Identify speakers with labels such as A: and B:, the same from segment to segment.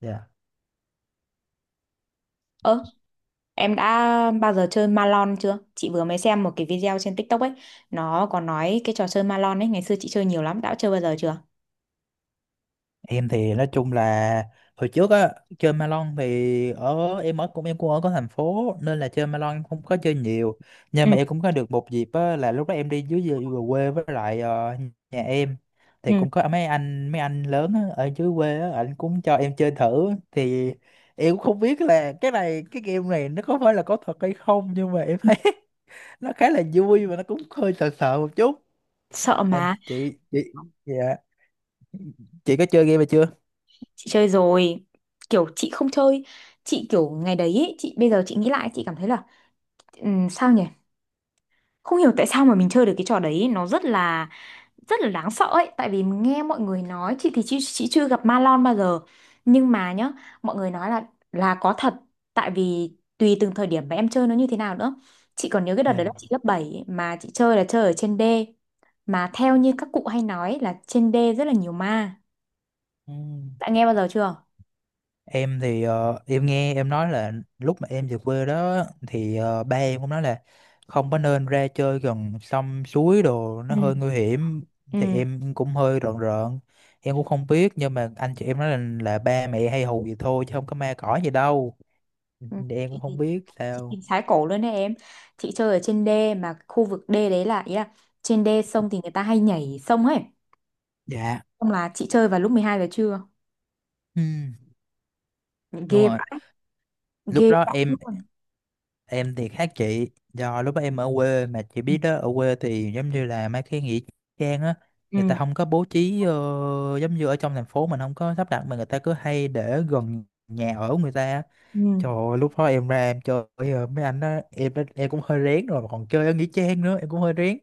A: Dạ.
B: Ơ, em đã bao giờ chơi Malon chưa? Chị vừa mới xem một cái video trên TikTok ấy, nó có nói cái trò chơi Malon ấy, ngày xưa chị chơi nhiều lắm, đã chơi bao giờ chưa?
A: Em thì nói chung là hồi trước á chơi Malon thì ở em ở cũng em cũng ở có thành phố nên là chơi Malon em không có chơi nhiều,
B: Ừ,
A: nhưng mà em cũng có được một dịp á, là lúc đó em đi dưới dưới về quê, với lại nhà em thì
B: ừ.
A: cũng có mấy anh lớn á, ở dưới quê á anh cũng cho em chơi thử thì em cũng không biết là cái game này nó có phải là có thật hay không, nhưng mà em thấy nó khá là vui và nó cũng hơi sợ sợ một chút.
B: Sợ
A: Còn
B: mà,
A: chị dạ, chị có chơi game này chưa?
B: chị chơi rồi, kiểu chị không chơi, chị kiểu ngày đấy ấy, chị bây giờ chị nghĩ lại chị cảm thấy là sao nhỉ? Không hiểu tại sao mà mình chơi được cái trò đấy, nó rất là đáng sợ ấy, tại vì mình nghe mọi người nói. Chị thì chị chưa gặp ma lon bao giờ, nhưng mà nhá, mọi người nói là có thật, tại vì tùy từng thời điểm mà em chơi nó như thế nào nữa. Chị còn nhớ cái đợt
A: Dạ.
B: đấy là chị lớp 7 mà chị chơi là chơi ở trên đê, mà theo như các cụ hay nói là trên đê rất là nhiều ma.
A: Ừ.
B: Đã nghe bao giờ chưa?
A: Em thì em nghe em nói là lúc mà em về quê đó thì ba em cũng nói là không có nên ra chơi gần sông suối đồ,
B: Ừ.
A: nó hơi nguy hiểm, thì
B: Ừ.
A: em cũng hơi rợn rợn. Em cũng không biết, nhưng mà anh chị em nói là ba mẹ hay hù vậy thôi chứ không có ma cỏ gì đâu.
B: Ừ.
A: Thì em cũng
B: chị
A: không
B: thì-
A: biết
B: chị
A: sao.
B: thì sái cổ luôn đấy em. Chị chơi ở trên đê mà khu vực đê đấy là, ý là trên đê sông thì người ta hay nhảy sông ấy,
A: Dạ.
B: xong là chị chơi vào lúc 12 giờ trưa.
A: Ừ, đúng
B: Ghê.
A: rồi.
B: Ghê
A: Lúc đó
B: dã luôn.
A: em thì khác chị, do lúc đó em ở quê. Mà chị
B: Ừ.
A: biết đó, ở quê thì giống như là mấy cái nghĩa trang á, người
B: Ừ.
A: ta không có bố trí giống như ở trong thành phố, mình không có sắp đặt, mà người ta cứ hay để gần nhà ở của người ta á.
B: Ừ.
A: Trời ơi, lúc đó em ra em chơi mấy anh đó, em cũng hơi rén rồi, mà còn chơi ở nghĩa trang nữa, em cũng hơi rén.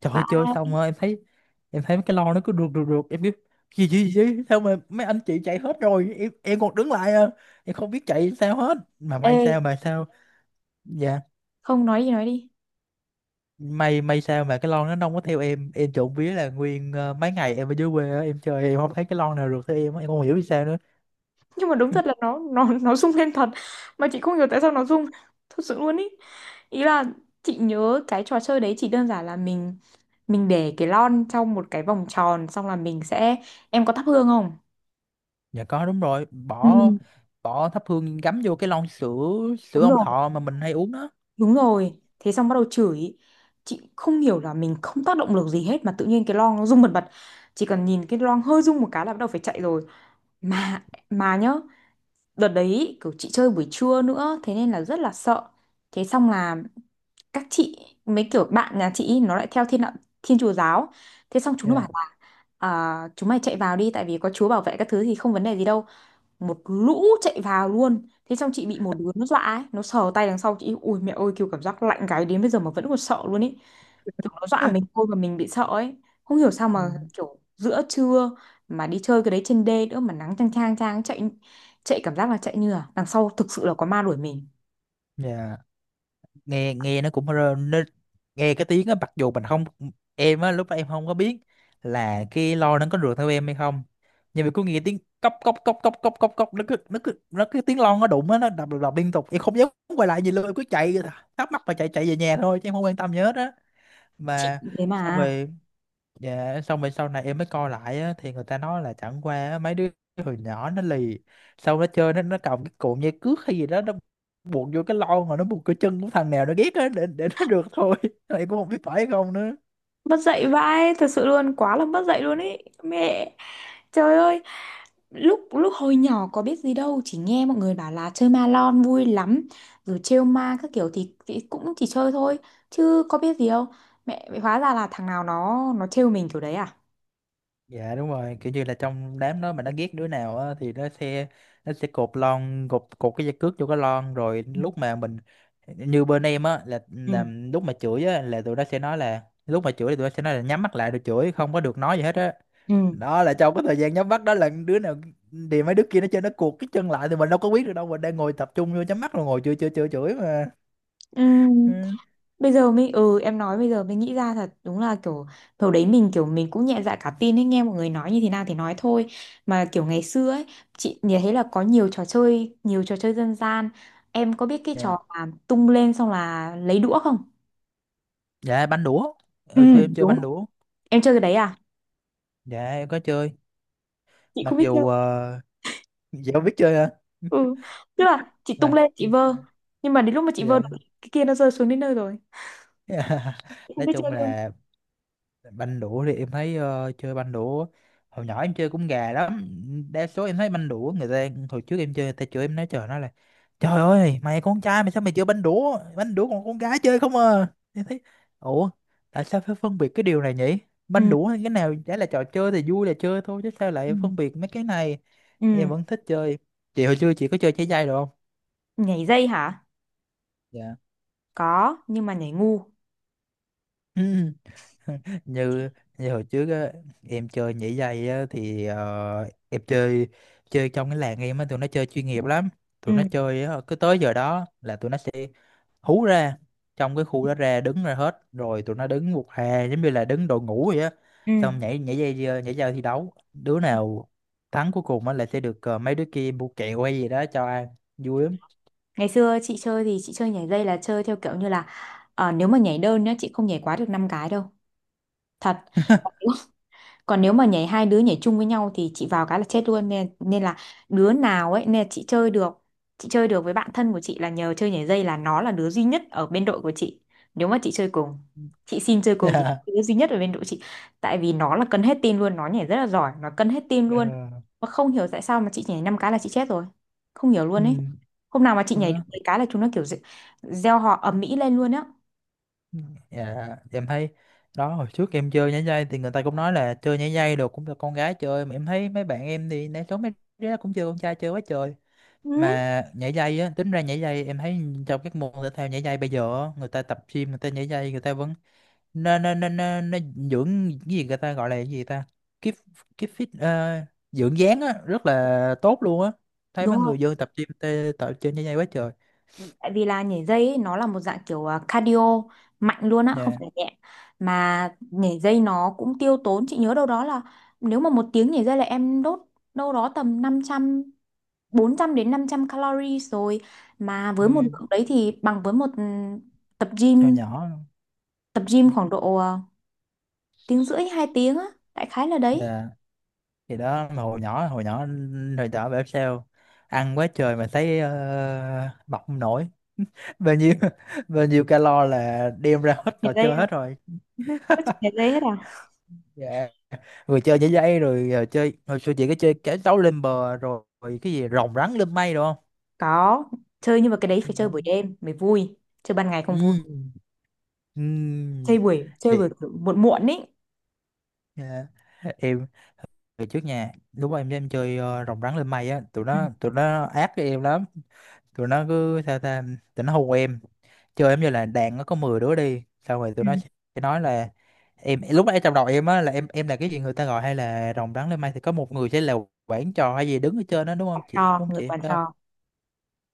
A: Trời ơi,
B: Quả
A: chơi xong rồi em thấy mấy cái lon nó cứ rượt rượt rượt. Em cứ gì gì gì, sao mà mấy anh chị chạy hết rồi, em còn đứng lại à? Em không biết chạy sao hết. Mà
B: ê,
A: may sao mà sao Dạ,
B: không nói gì nói đi.
A: may sao mà cái lon nó không có theo em. Em trộm vía là nguyên mấy ngày em ở dưới quê á, em chơi em không thấy cái lon nào được theo em á, em không hiểu vì sao nữa.
B: Nhưng mà đúng thật là nó rung lên thật, mà chị không hiểu tại sao nó rung, thật sự luôn ý. Ý là chị nhớ cái trò chơi đấy chỉ đơn giản là mình để cái lon trong một cái vòng tròn, xong là mình sẽ, em có thắp hương không?
A: Dạ có, đúng rồi,
B: Ừ.
A: bỏ bỏ thắp hương gắm vô cái lon sữa sữa
B: Đúng
A: Ông
B: rồi.
A: Thọ mà mình hay uống đó.
B: Đúng rồi, thế xong bắt đầu chửi. Chị không hiểu là mình không tác động được gì hết mà tự nhiên cái lon nó rung bần bật, chỉ cần nhìn cái lon hơi rung một cái là bắt đầu phải chạy rồi. Mà mà nhá, đợt đấy kiểu chị chơi buổi trưa nữa thế nên là rất là sợ. Thế xong là các chị, mấy kiểu bạn nhà chị ý, nó lại theo thiên đạo, thiên chúa giáo. Thế xong chúng nó bảo
A: Dạ.
B: là à, chúng mày chạy vào đi, tại vì có chúa bảo vệ các thứ thì không vấn đề gì đâu. Một lũ chạy vào luôn, thế xong chị bị một đứa nó dọa ấy, nó sờ tay đằng sau chị, ui mẹ ơi, kiểu cảm giác lạnh gáy đến bây giờ mà vẫn còn sợ luôn ấy. Kiểu nó dọa mình thôi mà mình bị sợ ấy. Không hiểu sao
A: Ừ.
B: mà kiểu giữa trưa mà đi chơi cái đấy trên đê nữa mà nắng chang chang chang. Chạy, chạy cảm giác là chạy như là đằng sau thực sự là có ma đuổi mình.
A: Dạ, nghe nghe nó cũng nó, nghe cái tiếng á, mặc dù mình không. Em á lúc đó em không có biết là cái lo nó có rượt theo em hay không, nhưng mà cứ nghe tiếng cốc cốc cốc cốc cốc cốc cốc, nó cứ tiếng lon nó đụng á, nó đập đập đập liên tục, em không dám quay lại gì luôn, em cứ chạy thắc mắc và chạy chạy về nhà thôi chứ em không quan tâm gì hết á.
B: Chị
A: Mà
B: cũng thế
A: xong
B: mà.
A: rồi. Dạ, xong rồi sau này em mới coi lại á, thì người ta nói là chẳng qua á, mấy đứa hồi nhỏ nó lì, xong nó chơi, nó cầm cái cụm dây cước hay gì đó, nó buộc vô cái lon, rồi nó buộc cái chân của thằng nào nó ghét á, để nó được thôi. Em cũng không biết phải không nữa.
B: Mất dạy vãi, thật sự luôn, quá là mất dạy luôn ý. Mẹ. Trời ơi. Lúc lúc hồi nhỏ có biết gì đâu, chỉ nghe mọi người bảo là chơi ma lon vui lắm, rồi trêu ma các kiểu thì, cũng chỉ chơi thôi, chứ có biết gì đâu. Mẹ mẹ hóa ra là thằng nào nó trêu mình kiểu đấy à.
A: Dạ, đúng rồi, kiểu như là trong đám đó mà nó ghét đứa nào á, thì nó sẽ, nó sẽ cột lon cột cột cái dây cước vô cái lon, rồi lúc mà mình, như bên em á là,
B: Ừ.
A: là lúc mà chửi á là tụi nó sẽ nói là lúc mà chửi thì tụi nó sẽ nói là nhắm mắt lại rồi chửi, không có được nói gì hết á.
B: Ừ.
A: Đó là trong cái thời gian nhắm mắt đó là đứa nào thì mấy đứa kia nó chơi, nó cuột cái chân lại thì mình đâu có biết được đâu, mình đang ngồi tập trung vô nhắm mắt rồi ngồi chơi chơi chơi chửi mà.
B: Ừ. Ừ.
A: Ừ.
B: Bây giờ mình, ừ, em nói bây giờ mình nghĩ ra thật đúng là kiểu hồi đấy mình kiểu mình cũng nhẹ dạ cả tin ấy, nghe mọi người nói như thế nào thì nói thôi. Mà kiểu ngày xưa ấy, chị nhìn thấy là có nhiều trò chơi dân gian. Em có biết cái
A: Dạ,
B: trò mà tung lên xong là lấy đũa không?
A: dạ, banh đũa.
B: Ừ.
A: Hồi xưa em chơi
B: Đúng.
A: banh đũa.
B: Em chơi cái đấy à?
A: Dạ, em có chơi,
B: Chị
A: mặc
B: không biết chơi.
A: dù dạ, không biết chơi hả?
B: Ừ, tức là chị tung
A: Mà
B: lên chị vơ, nhưng mà đến lúc mà chị vơ
A: dạ.
B: được cái kia nó rơi xuống đến nơi rồi. Chị không
A: Nói
B: biết chơi
A: chung
B: luôn.
A: là banh đũa thì em thấy, chơi banh đũa hồi nhỏ em chơi cũng gà lắm. Đa số em thấy banh đũa, người ta hồi trước em chơi, người ta chửi em, nói trời, nó là trời ơi, mày con trai mày sao mày chơi banh đũa? Banh đũa còn con gái chơi không à? Em thấy, ủa, tại sao phải phân biệt cái điều này nhỉ? Banh
B: Ừ.
A: đũa hay cái nào chả là trò chơi, thì vui là chơi thôi chứ sao
B: Ừ.
A: lại phân biệt mấy cái này. Em
B: Ừ.
A: vẫn thích chơi. Chị hồi xưa chị có chơi trái dây được không?
B: Nhảy dây hả?
A: Dạ.
B: Có, nhưng mà nhảy ngu.
A: Ừ. như như hồi trước á, em chơi nhảy dây á, thì em chơi chơi trong cái làng em á, tụi nó chơi chuyên nghiệp lắm. Tụi
B: Ừ.
A: nó chơi á, cứ tới giờ đó là tụi nó sẽ hú ra, trong cái khu đó ra đứng ra hết rồi, tụi nó đứng một hè giống như là đứng đội ngũ vậy á,
B: Ừ.
A: xong nhảy nhảy dây, nhảy dây thi đấu, đứa nào thắng cuối cùng á là sẽ được mấy đứa kia mua kẹo hay gì đó cho ăn, vui lắm.
B: Ngày xưa chị chơi thì chị chơi nhảy dây là chơi theo kiểu như là nếu mà nhảy đơn nhá chị không nhảy quá được 5 cái đâu. Thật. Còn nếu mà nhảy hai đứa nhảy chung với nhau thì chị vào cái là chết luôn, nên nên là đứa nào ấy, nên là chị chơi được. Chị chơi được với bạn thân của chị là nhờ chơi nhảy dây, là nó là đứa duy nhất ở bên đội của chị, nếu mà chị chơi cùng, chị xin chơi cùng thì
A: Yeah.
B: đứa duy nhất ở bên đội chị, tại vì nó là cân hết tim luôn, nó nhảy rất là giỏi, nó cân hết tim luôn.
A: Ờ.
B: Mà không hiểu tại sao mà chị nhảy năm cái là chị chết rồi, không hiểu luôn ấy.
A: Ừ.
B: Hôm nào mà chị nhảy được
A: Đó.
B: mấy cái là chúng nó kiểu gieo họ ầm ĩ lên luôn á.
A: Dạ, em thấy đó, hồi trước em chơi nhảy dây thì người ta cũng nói là chơi nhảy dây đồ cũng là con gái chơi, mà em thấy mấy bạn em thì né số, mấy đứa cũng chơi, con trai chơi quá trời.
B: Ừ.
A: Mà nhảy dây á, tính ra nhảy dây em thấy, trong các môn thể thao nhảy dây bây giờ á, người ta tập gym người ta nhảy dây, người ta vẫn, nên nên nên nên nên dưỡng, cái gì người ta gọi là, cái gì ta, keep keep fit, dưỡng dáng á, rất là tốt luôn á. Thấy
B: Đúng
A: mấy
B: rồi,
A: người dân tập gym tập chơi nhảy dây quá trời.
B: tại vì là nhảy dây ấy, nó là một dạng kiểu cardio, mạnh luôn á không
A: Dạ.
B: phải nhẹ. Mà nhảy dây nó cũng tiêu tốn, chị nhớ đâu đó là nếu mà 1 tiếng nhảy dây là em đốt đâu đó tầm năm trăm 400 đến 500 calories rồi. Mà với một
A: Ừ,
B: lượng đấy thì bằng với một tập
A: hồi
B: gym,
A: nhỏ.
B: tập gym khoảng độ 1 tiếng rưỡi 2 tiếng á, đại khái là đấy.
A: Dạ, thì đó, mà hồi nhỏ bảo sao ăn quá trời mà thấy mập không nổi. Bao nhiêu. Bao nhiêu calo là đem ra hết
B: Nhảy
A: trò
B: dây
A: chơi
B: là
A: hết rồi.
B: có chụp nhảy dây hết à?
A: Dạ, vừa chơi nhảy dây rồi, chơi hồi xưa chị có chơi cái đấu lên bờ rồi cái gì rồng rắn lên mây đúng không?
B: Có chơi nhưng mà cái đấy phải chơi
A: Đó.
B: buổi đêm mới vui, chơi ban ngày không vui.
A: Ừ. Ừ.
B: Chơi
A: Chị.
B: buổi muộn muộn ý.
A: Dạ. Em về trước nhà lúc mà em chơi rồng rắn lên mây á, tụi
B: Ừ.
A: nó tụi nó ác với em lắm. Tụi nó cứ sao ta, tụi nó hù em, chơi em như là đàn, nó có 10 đứa đi, xong rồi tụi
B: Ừ.
A: nó sẽ nói là, em lúc nãy trong đầu em á là em là cái gì người ta gọi hay là rồng rắn lên mây thì có một người sẽ là quản trò hay gì đứng ở trên đó đúng không chị, đúng
B: Cho
A: không
B: người
A: chị?
B: quản
A: Phải không?
B: trò.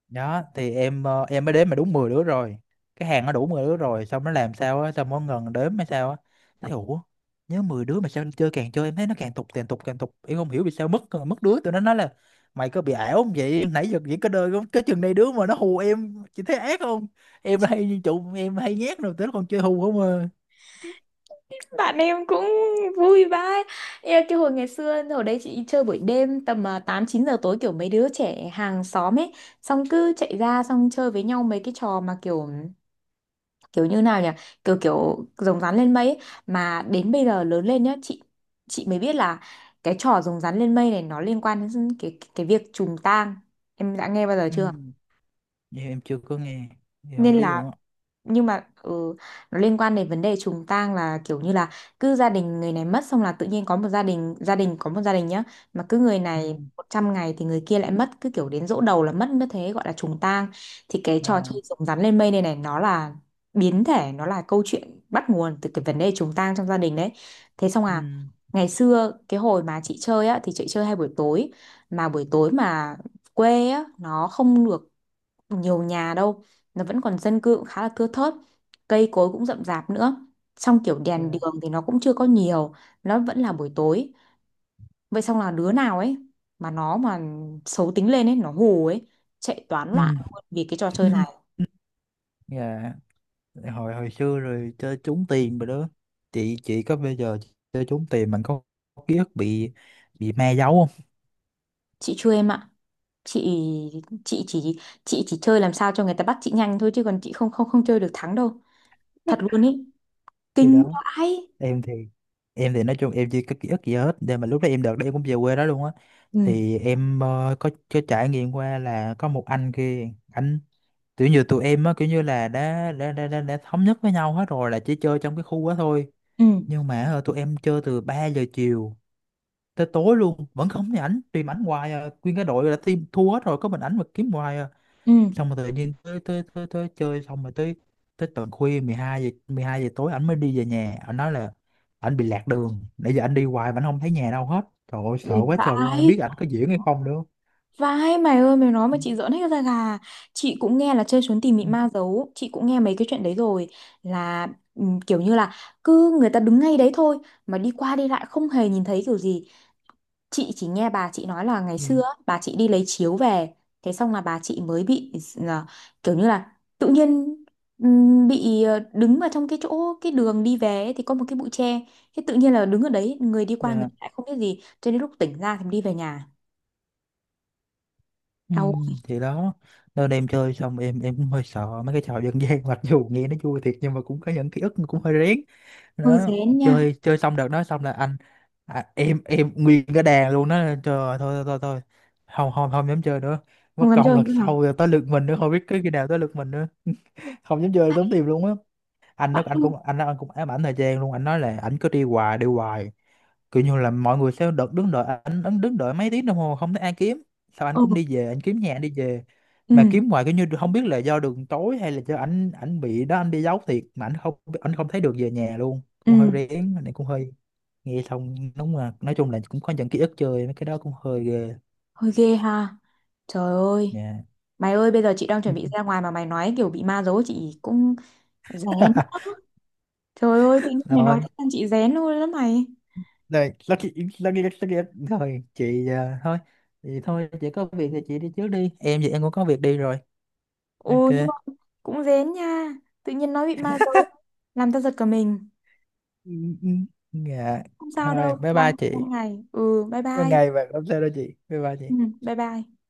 A: Đó thì em, em mới đếm mà đúng 10 đứa rồi. Cái hàng nó đủ 10 đứa rồi, xong nó làm sao á, xong nó ngần đếm hay sao á, thấy ủa, nhớ 10 đứa mà sao chơi, càng chơi em thấy nó càng tục càng tục càng tục, em không hiểu vì sao mất mất đứa. Tụi nó nói là mày có bị ảo không vậy, nãy giờ chỉ có đời cái chừng này đứa, mà nó hù em, chị thấy ác không? Em là hay như trụ, em hay nhát rồi tới còn chơi hù không à?
B: Bạn em cũng vui vãi. Ê, cái hồi ngày xưa hồi đấy chị đi chơi buổi đêm tầm 8 9 giờ tối, kiểu mấy đứa trẻ hàng xóm ấy, xong cứ chạy ra xong chơi với nhau mấy cái trò mà kiểu, kiểu như nào nhỉ, kiểu kiểu rồng rắn lên mây ấy. Mà đến bây giờ lớn lên nhá, chị mới biết là cái trò rồng rắn lên mây này nó liên quan đến cái việc trùng tang. Em đã nghe bao giờ
A: Ừ.
B: chưa?
A: Vậy em chưa có nghe thì không
B: Nên
A: biết
B: là,
A: luôn á.
B: nhưng mà nó liên quan đến vấn đề trùng tang, là kiểu như là cứ gia đình người này mất xong là tự nhiên có một gia đình, có một gia đình nhá, mà cứ người
A: Ừ.
B: này 100 ngày thì người kia lại mất, cứ kiểu đến giỗ đầu là mất, như thế gọi là trùng tang. Thì cái trò
A: À.
B: chơi rồng rắn lên mây này này nó là biến thể, nó là câu chuyện bắt nguồn từ cái vấn đề trùng tang trong gia đình đấy. Thế xong
A: Ừ.
B: à, ngày xưa cái hồi mà chị chơi á thì chị chơi hay buổi tối. Mà buổi tối mà quê á nó không được nhiều nhà đâu, nó vẫn còn dân cư cũng khá là thưa thớt, cây cối cũng rậm rạp nữa, xong kiểu đèn đường
A: Dạ.
B: thì nó cũng chưa có nhiều, nó vẫn là buổi tối. Vậy xong là đứa nào ấy, mà nó xấu tính lên ấy nó hù ấy, chạy toán loạn
A: Ừ.
B: luôn vì cái trò chơi này.
A: Dạ. hồi hồi xưa rồi chơi trúng tiền rồi đó. Chị có bây giờ, chơi trúng tiền mình có ký ức bị ma giấu không?
B: Chị chưa em ạ. Chị chị chỉ chị chỉ chơi làm sao cho người ta bắt chị nhanh thôi, chứ còn chị không không không chơi được thắng đâu, thật luôn ấy.
A: Thì
B: Kinh
A: đó,
B: vãi.
A: em thì em thì nói chung em chưa có ký ức gì hết, nhưng mà lúc đó em, đợt đó em cũng về quê đó luôn á,
B: Ừ.
A: thì em có trải nghiệm qua là có một anh kia anh, kiểu như tụi em á, kiểu như là đã thống nhất với nhau hết rồi là chỉ chơi trong cái khu đó thôi,
B: Ừ.
A: nhưng mà tụi em chơi từ 3 giờ chiều tới tối luôn, vẫn không thấy ảnh, tìm ảnh hoài à. Nguyên cái đội là team thua hết rồi có mình ảnh mà kiếm hoài à.
B: Ừ.
A: Xong rồi tự nhiên tới, tới chơi xong rồi, tới tới tận khuya 12 giờ, tối ảnh mới đi về nhà, ảnh nói là ảnh bị lạc đường, nãy giờ ảnh đi hoài mà ảnh không thấy nhà đâu hết. Trời ơi, sợ
B: Kinh
A: quá trời luôn, ai
B: vãi.
A: biết ảnh có diễn hay không nữa.
B: Vãi mày ơi, mày nói mà chị giỡn hết da gà. Chị cũng nghe là chơi trốn tìm bị
A: Ừ.
B: ma giấu, chị cũng nghe mấy cái chuyện đấy rồi. Là kiểu như là cứ người ta đứng ngay đấy thôi mà đi qua đi lại không hề nhìn thấy kiểu gì. Chị chỉ nghe bà chị nói là ngày
A: Ừ.
B: xưa á, bà chị đi lấy chiếu về, thế xong là bà chị mới bị là, kiểu như là tự nhiên bị đứng vào trong cái chỗ cái đường đi về ấy, thì có một cái bụi tre, thế tự nhiên là đứng ở đấy, người đi qua người
A: Dạ.
B: lại không biết gì cho đến lúc tỉnh ra thì đi về nhà.
A: Ừ.
B: Đau.
A: Thì đó, nên em chơi xong, em cũng hơi sợ mấy cái trò dân gian, mặc dù nghe nó vui thiệt nhưng mà cũng có những ký ức cũng hơi rén.
B: Hơi
A: Đó,
B: rén nha.
A: chơi chơi xong đợt đó, xong là anh, à, em nguyên cái đàn luôn đó. Trời ơi, thôi thôi thôi thôi. Không, không, không dám chơi nữa, mất
B: Không dám
A: công
B: chơi
A: lần
B: nữa hả?
A: sau rồi tới lượt mình nữa, không biết cái khi nào tới lượt mình nữa. Không dám chơi, tốn tiền luôn á. anh nó
B: Vãi
A: anh
B: luôn.
A: cũng anh nó anh cũng ám ảnh thời gian luôn, anh nói là ảnh cứ đi hoài đi hoài, kiểu như là mọi người sẽ đợt đứng đợi anh đứng đợi mấy tiếng đồng hồ không thấy ai kiếm, sao anh
B: Ừ.
A: cũng đi về, anh kiếm nhà anh đi về mà
B: Ừ.
A: kiếm hoài, kiểu như không biết là do đường tối hay là do ảnh ảnh bị đó, anh đi giấu thiệt mà anh không thấy được về nhà luôn, cũng hơi
B: Ừ.
A: rén này, cũng hơi nghe xong, đúng là nói chung là cũng có những ký ức chơi mấy cái đó cũng hơi ghê
B: Hơi ghê ha. Trời ơi.
A: nha.
B: Mày ơi, bây giờ chị đang chuẩn bị ra ngoài mà mày nói kiểu bị ma giấu, chị cũng rén quá. Trời ơi, tự nhiên mày nói
A: Rồi.
B: thế làm chị rén luôn đó mày.
A: Đây, lát kia, lát kia, lát kia. Thôi, chị à, thôi. Thì thôi, chị có việc thì chị đi trước đi. Em thì em cũng có việc đi rồi.
B: Ồ, nhưng
A: Ok.
B: mà cũng rén nha, tự nhiên nói bị ma giấu làm tao giật cả mình.
A: Ừ, ừ. Dạ.
B: Không sao
A: Thôi,
B: đâu,
A: bye bye
B: ban
A: chị.
B: ban ngày. Ừ, bye
A: Bye
B: bye.
A: ngày và không sao đâu chị. Bye bye chị.
B: Ừ, bye bye.